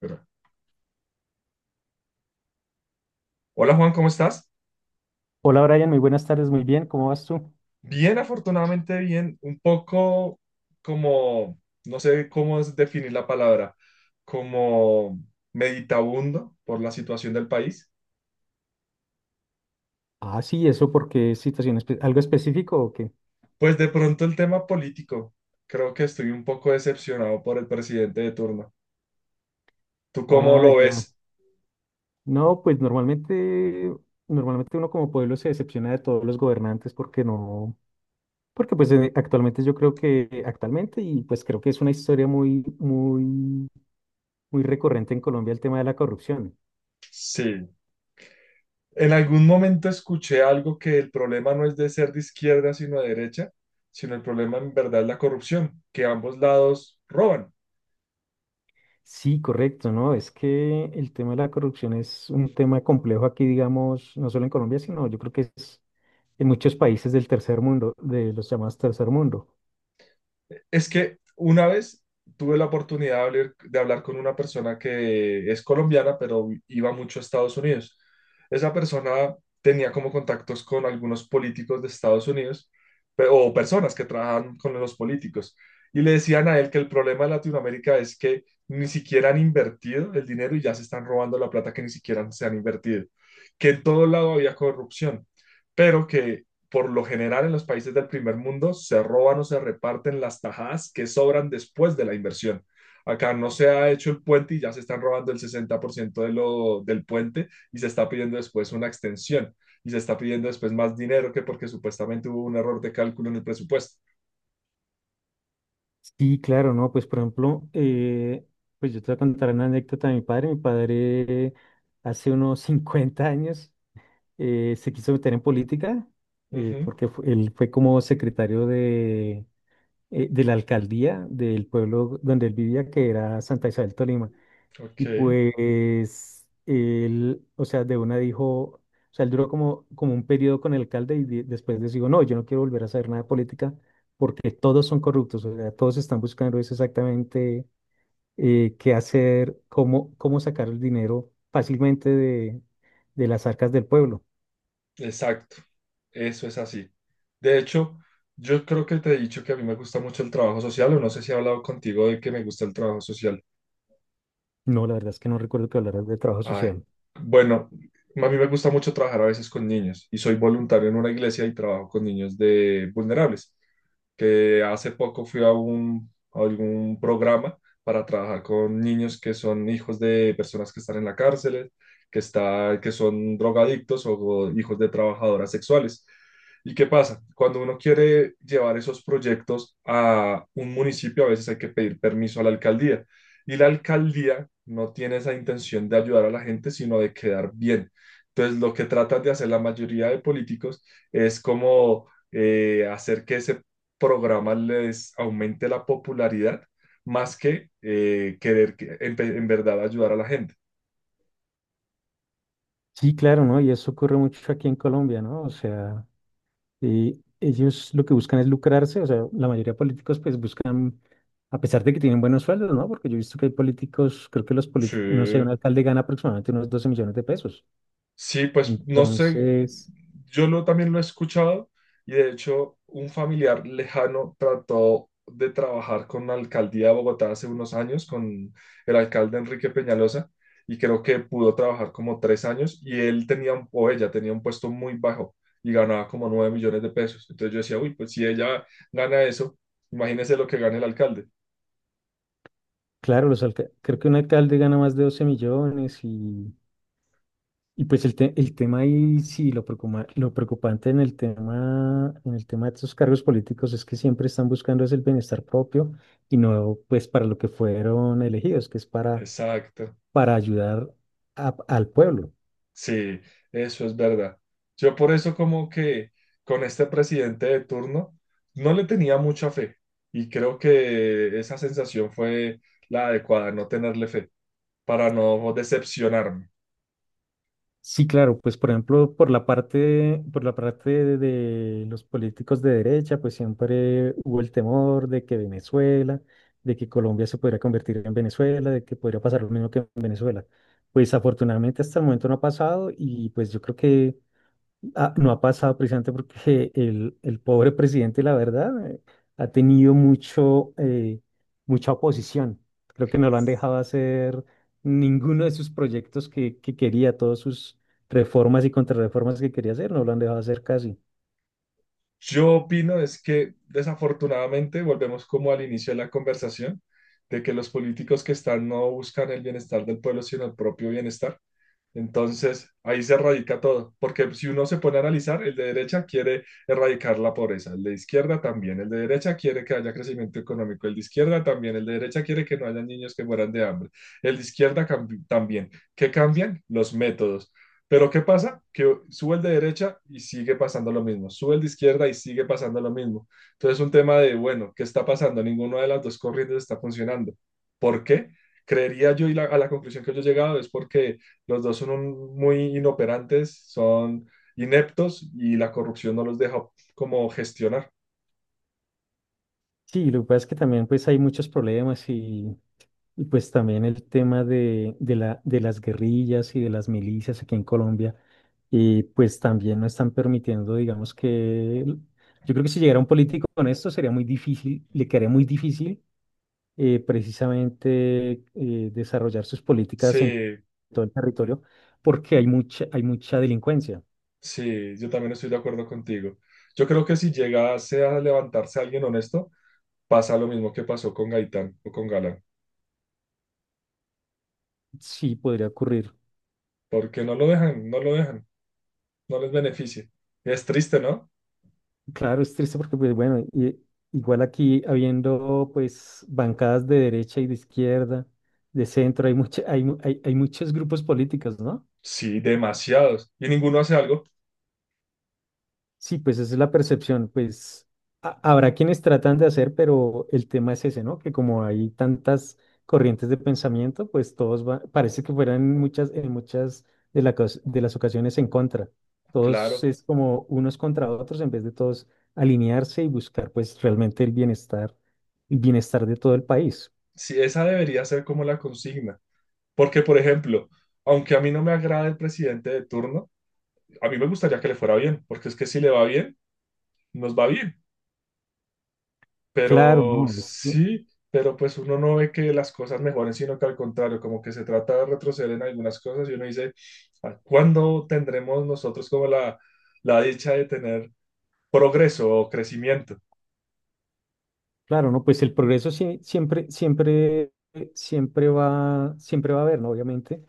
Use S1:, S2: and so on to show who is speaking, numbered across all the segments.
S1: Pero- Hola Juan, ¿cómo estás?
S2: Hola Brian, muy buenas tardes, muy bien, ¿cómo vas tú?
S1: Bien, afortunadamente bien, un poco como, no sé cómo es definir la palabra, como meditabundo por la situación del país.
S2: Ah, sí, ¿eso porque es situación algo específico o qué?
S1: Pues de pronto el tema político, creo que estoy un poco decepcionado por el presidente de turno. ¿Tú cómo
S2: Ah,
S1: lo
S2: ya.
S1: ves?
S2: No, pues normalmente uno como pueblo se decepciona de todos los gobernantes porque no, porque pues actualmente yo creo que actualmente y pues creo que es una historia muy, muy, muy recurrente en Colombia el tema de la corrupción.
S1: Sí. En algún momento escuché algo que el problema no es de ser de izquierda sino de derecha, sino el problema en verdad es la corrupción, que ambos lados roban.
S2: Sí, correcto, ¿no? Es que el tema de la corrupción es un tema complejo aquí, digamos, no solo en Colombia, sino yo creo que es en muchos países del tercer mundo, de los llamados tercer mundo.
S1: Es que una vez tuve la oportunidad de hablar con una persona que es colombiana, pero iba mucho a Estados Unidos. Esa persona tenía como contactos con algunos políticos de Estados Unidos o personas que trabajan con los políticos. Y le decían a él que el problema de Latinoamérica es que ni siquiera han invertido el dinero y ya se están robando la plata que ni siquiera se han invertido. Que en todo lado había corrupción, pero que por lo general en los países del primer mundo se roban o se reparten las tajadas que sobran después de la inversión. Acá no se ha hecho el puente y ya se están robando el 60% de del puente y se está pidiendo después una extensión y se está pidiendo después más dinero que porque supuestamente hubo un error de cálculo en el presupuesto.
S2: Sí, claro, ¿no? Pues por ejemplo, pues yo te voy a contar una anécdota de mi padre. Mi padre hace unos 50 años se quiso meter en política
S1: Ujú.
S2: porque él fue como secretario de la alcaldía del pueblo donde él vivía, que era Santa Isabel, Tolima.
S1: Ok.
S2: Y pues él, o sea, de una dijo, o sea, él duró como un periodo con el alcalde y después decidió, no, yo no quiero volver a saber nada de política porque todos son corruptos, o sea, todos están buscando es exactamente qué hacer, cómo sacar el dinero fácilmente de las arcas del pueblo.
S1: Exacto. Eso es así. De hecho, yo creo que te he dicho que a mí me gusta mucho el trabajo social, o no sé si he hablado contigo de que me gusta el trabajo social.
S2: No, la verdad es que no recuerdo que hablaras de trabajo
S1: Ay,
S2: social.
S1: bueno, a mí me gusta mucho trabajar a veces con niños y soy voluntario en una iglesia y trabajo con niños de vulnerables, que hace poco fui a a algún programa para trabajar con niños que son hijos de personas que están en la cárcel, que son drogadictos o hijos de trabajadoras sexuales. ¿Y qué pasa? Cuando uno quiere llevar esos proyectos a un municipio, a veces hay que pedir permiso a la alcaldía. Y la alcaldía no tiene esa intención de ayudar a la gente, sino de quedar bien. Entonces, lo que tratan de hacer la mayoría de políticos es como hacer que ese programa les aumente la popularidad más que querer en verdad ayudar a la gente.
S2: Sí, claro, ¿no? Y eso ocurre mucho aquí en Colombia, ¿no? O sea, ellos lo que buscan es lucrarse, o sea, la mayoría de políticos pues buscan. A pesar de que tienen buenos sueldos, ¿no? Porque yo he visto que hay políticos, creo que los
S1: Sí.
S2: políticos, no sé, un alcalde gana aproximadamente unos 12 millones de pesos.
S1: Sí, pues no sé,
S2: Entonces,
S1: también lo he escuchado, y de hecho un familiar lejano trató de trabajar con la alcaldía de Bogotá hace unos años, con el alcalde Enrique Peñalosa, y creo que pudo trabajar como 3 años y él tenía, un- o ella tenía un puesto muy bajo y ganaba como 9 millones de pesos. Entonces yo decía, uy, pues si ella gana eso, imagínese lo que gana el alcalde.
S2: claro, creo que un alcalde gana más de 12 millones y pues el tema ahí, sí, lo preocupante en el tema, de estos cargos políticos es que siempre están buscando es el bienestar propio y no pues para lo que fueron elegidos, que es para,
S1: Exacto.
S2: para ayudar al pueblo.
S1: Sí, eso es verdad. Yo por eso como que con este presidente de turno no le tenía mucha fe, y creo que esa sensación fue la adecuada, no tenerle fe para no decepcionarme.
S2: Sí, claro, pues por ejemplo, por la parte de los políticos de derecha, pues siempre hubo el temor de que Venezuela, de que Colombia se podría convertir en Venezuela, de que podría pasar lo mismo que en Venezuela. Pues afortunadamente hasta el momento no ha pasado y pues yo creo que no ha pasado precisamente porque el pobre presidente, la verdad, ha tenido mucha oposición. Creo que no lo han dejado hacer ninguno de sus proyectos que quería, todas sus reformas y contrarreformas que quería hacer, no lo han dejado hacer casi.
S1: Yo opino es que desafortunadamente volvemos como al inicio de la conversación, de que los políticos que están no buscan el bienestar del pueblo, sino el propio bienestar. Entonces, ahí se erradica todo, porque si uno se pone a analizar, el de derecha quiere erradicar la pobreza, el de izquierda también, el de derecha quiere que haya crecimiento económico, el de izquierda también, el de derecha quiere que no haya niños que mueran de hambre, el de izquierda también. ¿Qué cambian? Los métodos. Pero ¿qué pasa? Que sube el de derecha y sigue pasando lo mismo, sube el de izquierda y sigue pasando lo mismo. Entonces, un tema de, bueno, ¿qué está pasando? Ninguna de las dos corrientes está funcionando. ¿Por qué? Creería yo, y a la conclusión que yo he llegado es porque los dos son muy inoperantes, son ineptos, y la corrupción no los deja como gestionar.
S2: Sí, lo que pasa es que también pues hay muchos problemas y pues también el tema de las guerrillas y de las milicias aquí en Colombia y pues también no están permitiendo, digamos que yo creo que si llegara un político con esto sería muy difícil, le quedaría muy difícil precisamente desarrollar sus políticas en
S1: Sí,
S2: todo el territorio porque hay mucha delincuencia.
S1: sí, yo también estoy de acuerdo contigo. Yo creo que si llegase a levantarse alguien honesto, pasa lo mismo que pasó con Gaitán o con Galán,
S2: Sí, podría ocurrir.
S1: porque no lo dejan, no lo dejan, no les beneficia. Es triste, ¿no?
S2: Claro, es triste porque, pues bueno, igual aquí habiendo pues bancadas de derecha y de izquierda, de centro, hay, mucha- hay, mu- hay muchos grupos políticos, ¿no?
S1: Sí, demasiados. ¿Y ninguno hace algo?
S2: Sí, pues esa es la percepción, pues habrá quienes tratan de hacer, pero el tema es ese, ¿no? Que como hay tantas corrientes de pensamiento, pues parece que fueran en muchas de las ocasiones en contra. Todos
S1: Claro.
S2: es como unos contra otros en vez de todos alinearse y buscar pues realmente el bienestar de todo el país.
S1: Sí, esa debería ser como la consigna. Porque, por ejemplo, aunque a mí no me agrade el presidente de turno, a mí me gustaría que le fuera bien, porque es que si le va bien, nos va bien.
S2: Claro,
S1: Pero
S2: no,
S1: sí, pero pues uno no ve que las cosas mejoren, sino que al contrario, como que se trata de retroceder en algunas cosas, y uno dice: "¿A ¿cuándo tendremos nosotros como la dicha de tener progreso o crecimiento?".
S2: claro, no, pues el progreso siempre, siempre, siempre va a haber, ¿no? Obviamente.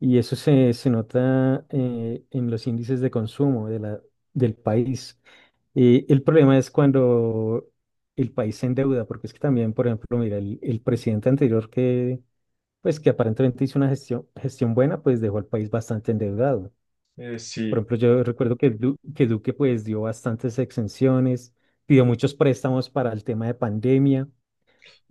S2: Y eso se nota en los índices de consumo del país. El problema es cuando el país se endeuda, porque es que también, por ejemplo, mira, el presidente anterior que aparentemente hizo una gestión, gestión buena, pues dejó al país bastante endeudado. Por
S1: Sí,
S2: ejemplo, yo recuerdo que Duque pues dio bastantes exenciones, pidió muchos préstamos para el tema de pandemia.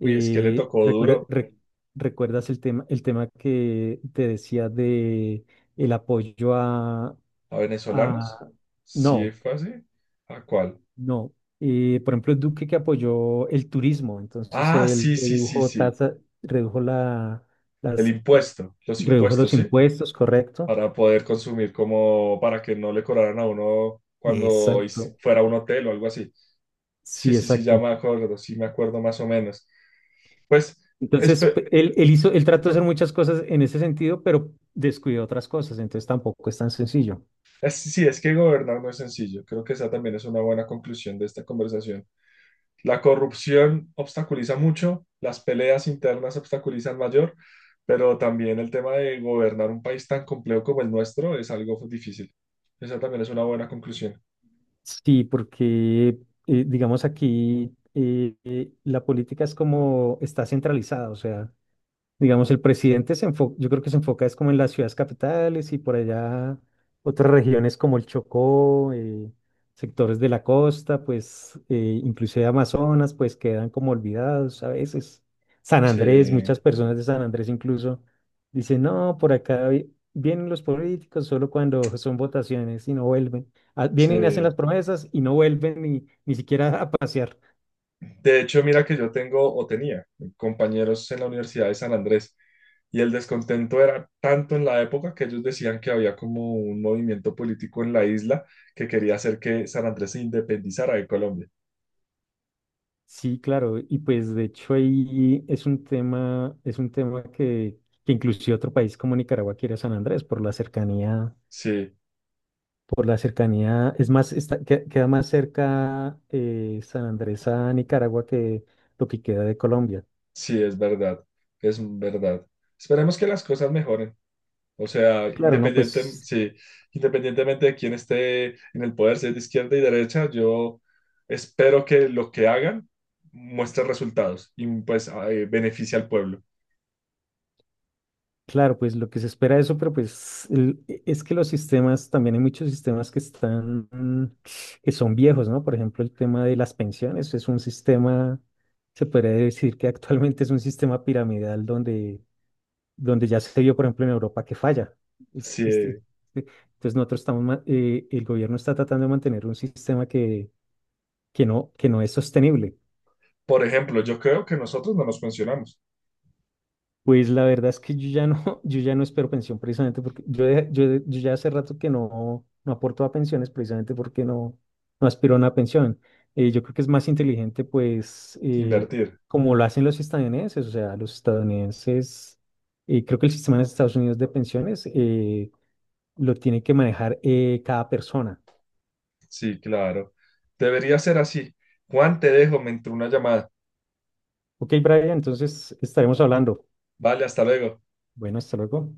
S1: uy, es que le tocó
S2: recuer-
S1: duro
S2: re- ¿recuerdas el tema, que te decía de el apoyo
S1: a venezolanos.
S2: a-
S1: Sí,
S2: No,
S1: fue así. ¿A cuál?
S2: no. Por ejemplo, Duque que apoyó el turismo, entonces
S1: Ah,
S2: él
S1: sí, sí, sí,
S2: redujo
S1: sí.
S2: tasa, redujo la,
S1: El
S2: las,
S1: impuesto, los
S2: redujo
S1: impuestos,
S2: los
S1: ¿sí?
S2: impuestos, ¿correcto?
S1: Para poder consumir, como para que no le cobraran a uno cuando
S2: Exacto,
S1: fuera a un hotel o algo así. Sí,
S2: sí,
S1: sí, sí, ya
S2: exacto.
S1: me acuerdo, sí me acuerdo más o menos. Pues
S2: Entonces, pe-
S1: espe-
S2: él, él hizo, él trató de hacer muchas cosas en ese sentido, pero descuidó otras cosas, entonces tampoco es tan sencillo.
S1: sí, es que gobernar no es sencillo. Creo que esa también es una buena conclusión de esta conversación. La corrupción obstaculiza mucho, las peleas internas obstaculizan mayor, pero también el tema de gobernar un país tan complejo como el nuestro es algo difícil. Esa también es una buena conclusión.
S2: Sí, porque digamos aquí la política es como está centralizada, o sea, digamos, el presidente se enfoca, yo creo que se enfoca es como en las ciudades capitales y por allá otras regiones como el Chocó, sectores de la costa, pues inclusive Amazonas, pues quedan como olvidados a veces. San
S1: Sí,
S2: Andrés, muchas personas de San Andrés incluso dicen, no, por acá vienen los políticos solo cuando son votaciones y no vuelven. Ah, vienen y hacen
S1: sí.
S2: las promesas y no vuelven ni siquiera a pasear.
S1: De hecho, mira que yo tengo o tenía compañeros en la Universidad de San Andrés, y el descontento era tanto en la época que ellos decían que había como un movimiento político en la isla que quería hacer que San Andrés se independizara de Colombia.
S2: Sí, claro, y pues de hecho ahí es un tema que inclusive otro país como Nicaragua quiere a San Andrés por la cercanía,
S1: Sí,
S2: es más, queda más cerca San Andrés a Nicaragua que lo que queda de Colombia.
S1: sí, es verdad, es verdad. Esperemos que las cosas mejoren. O sea,
S2: Claro, no,
S1: independiente,
S2: pues.
S1: sí, independientemente de quién esté en el poder, si es de izquierda y derecha, yo espero que lo que hagan muestre resultados, y pues beneficie al pueblo.
S2: Claro, pues lo que se espera de eso, pero pues es que los sistemas, también hay muchos sistemas que son viejos, ¿no? Por ejemplo, el tema de las pensiones es un sistema, se podría decir que actualmente es un sistema piramidal donde ya se vio, por ejemplo, en Europa que falla. Es- Este, e-
S1: Sí,
S2: entonces nosotros el gobierno está tratando de mantener un sistema que no es sostenible.
S1: por ejemplo, yo creo que nosotros no nos mencionamos.
S2: Pues la verdad es que yo ya no, yo ya no espero pensión precisamente porque yo ya hace rato que no aporto a pensiones precisamente porque no aspiro a una pensión. Yo creo que es más inteligente pues
S1: Invertir.
S2: como lo hacen los estadounidenses, o sea, los estadounidenses, creo que el sistema de Estados Unidos de pensiones lo tiene que manejar cada persona.
S1: Sí, claro. Debería ser así. Juan, te dejo, me entró una llamada.
S2: Ok, Brian, entonces estaremos hablando.
S1: Vale, hasta luego.
S2: Bueno, hasta luego.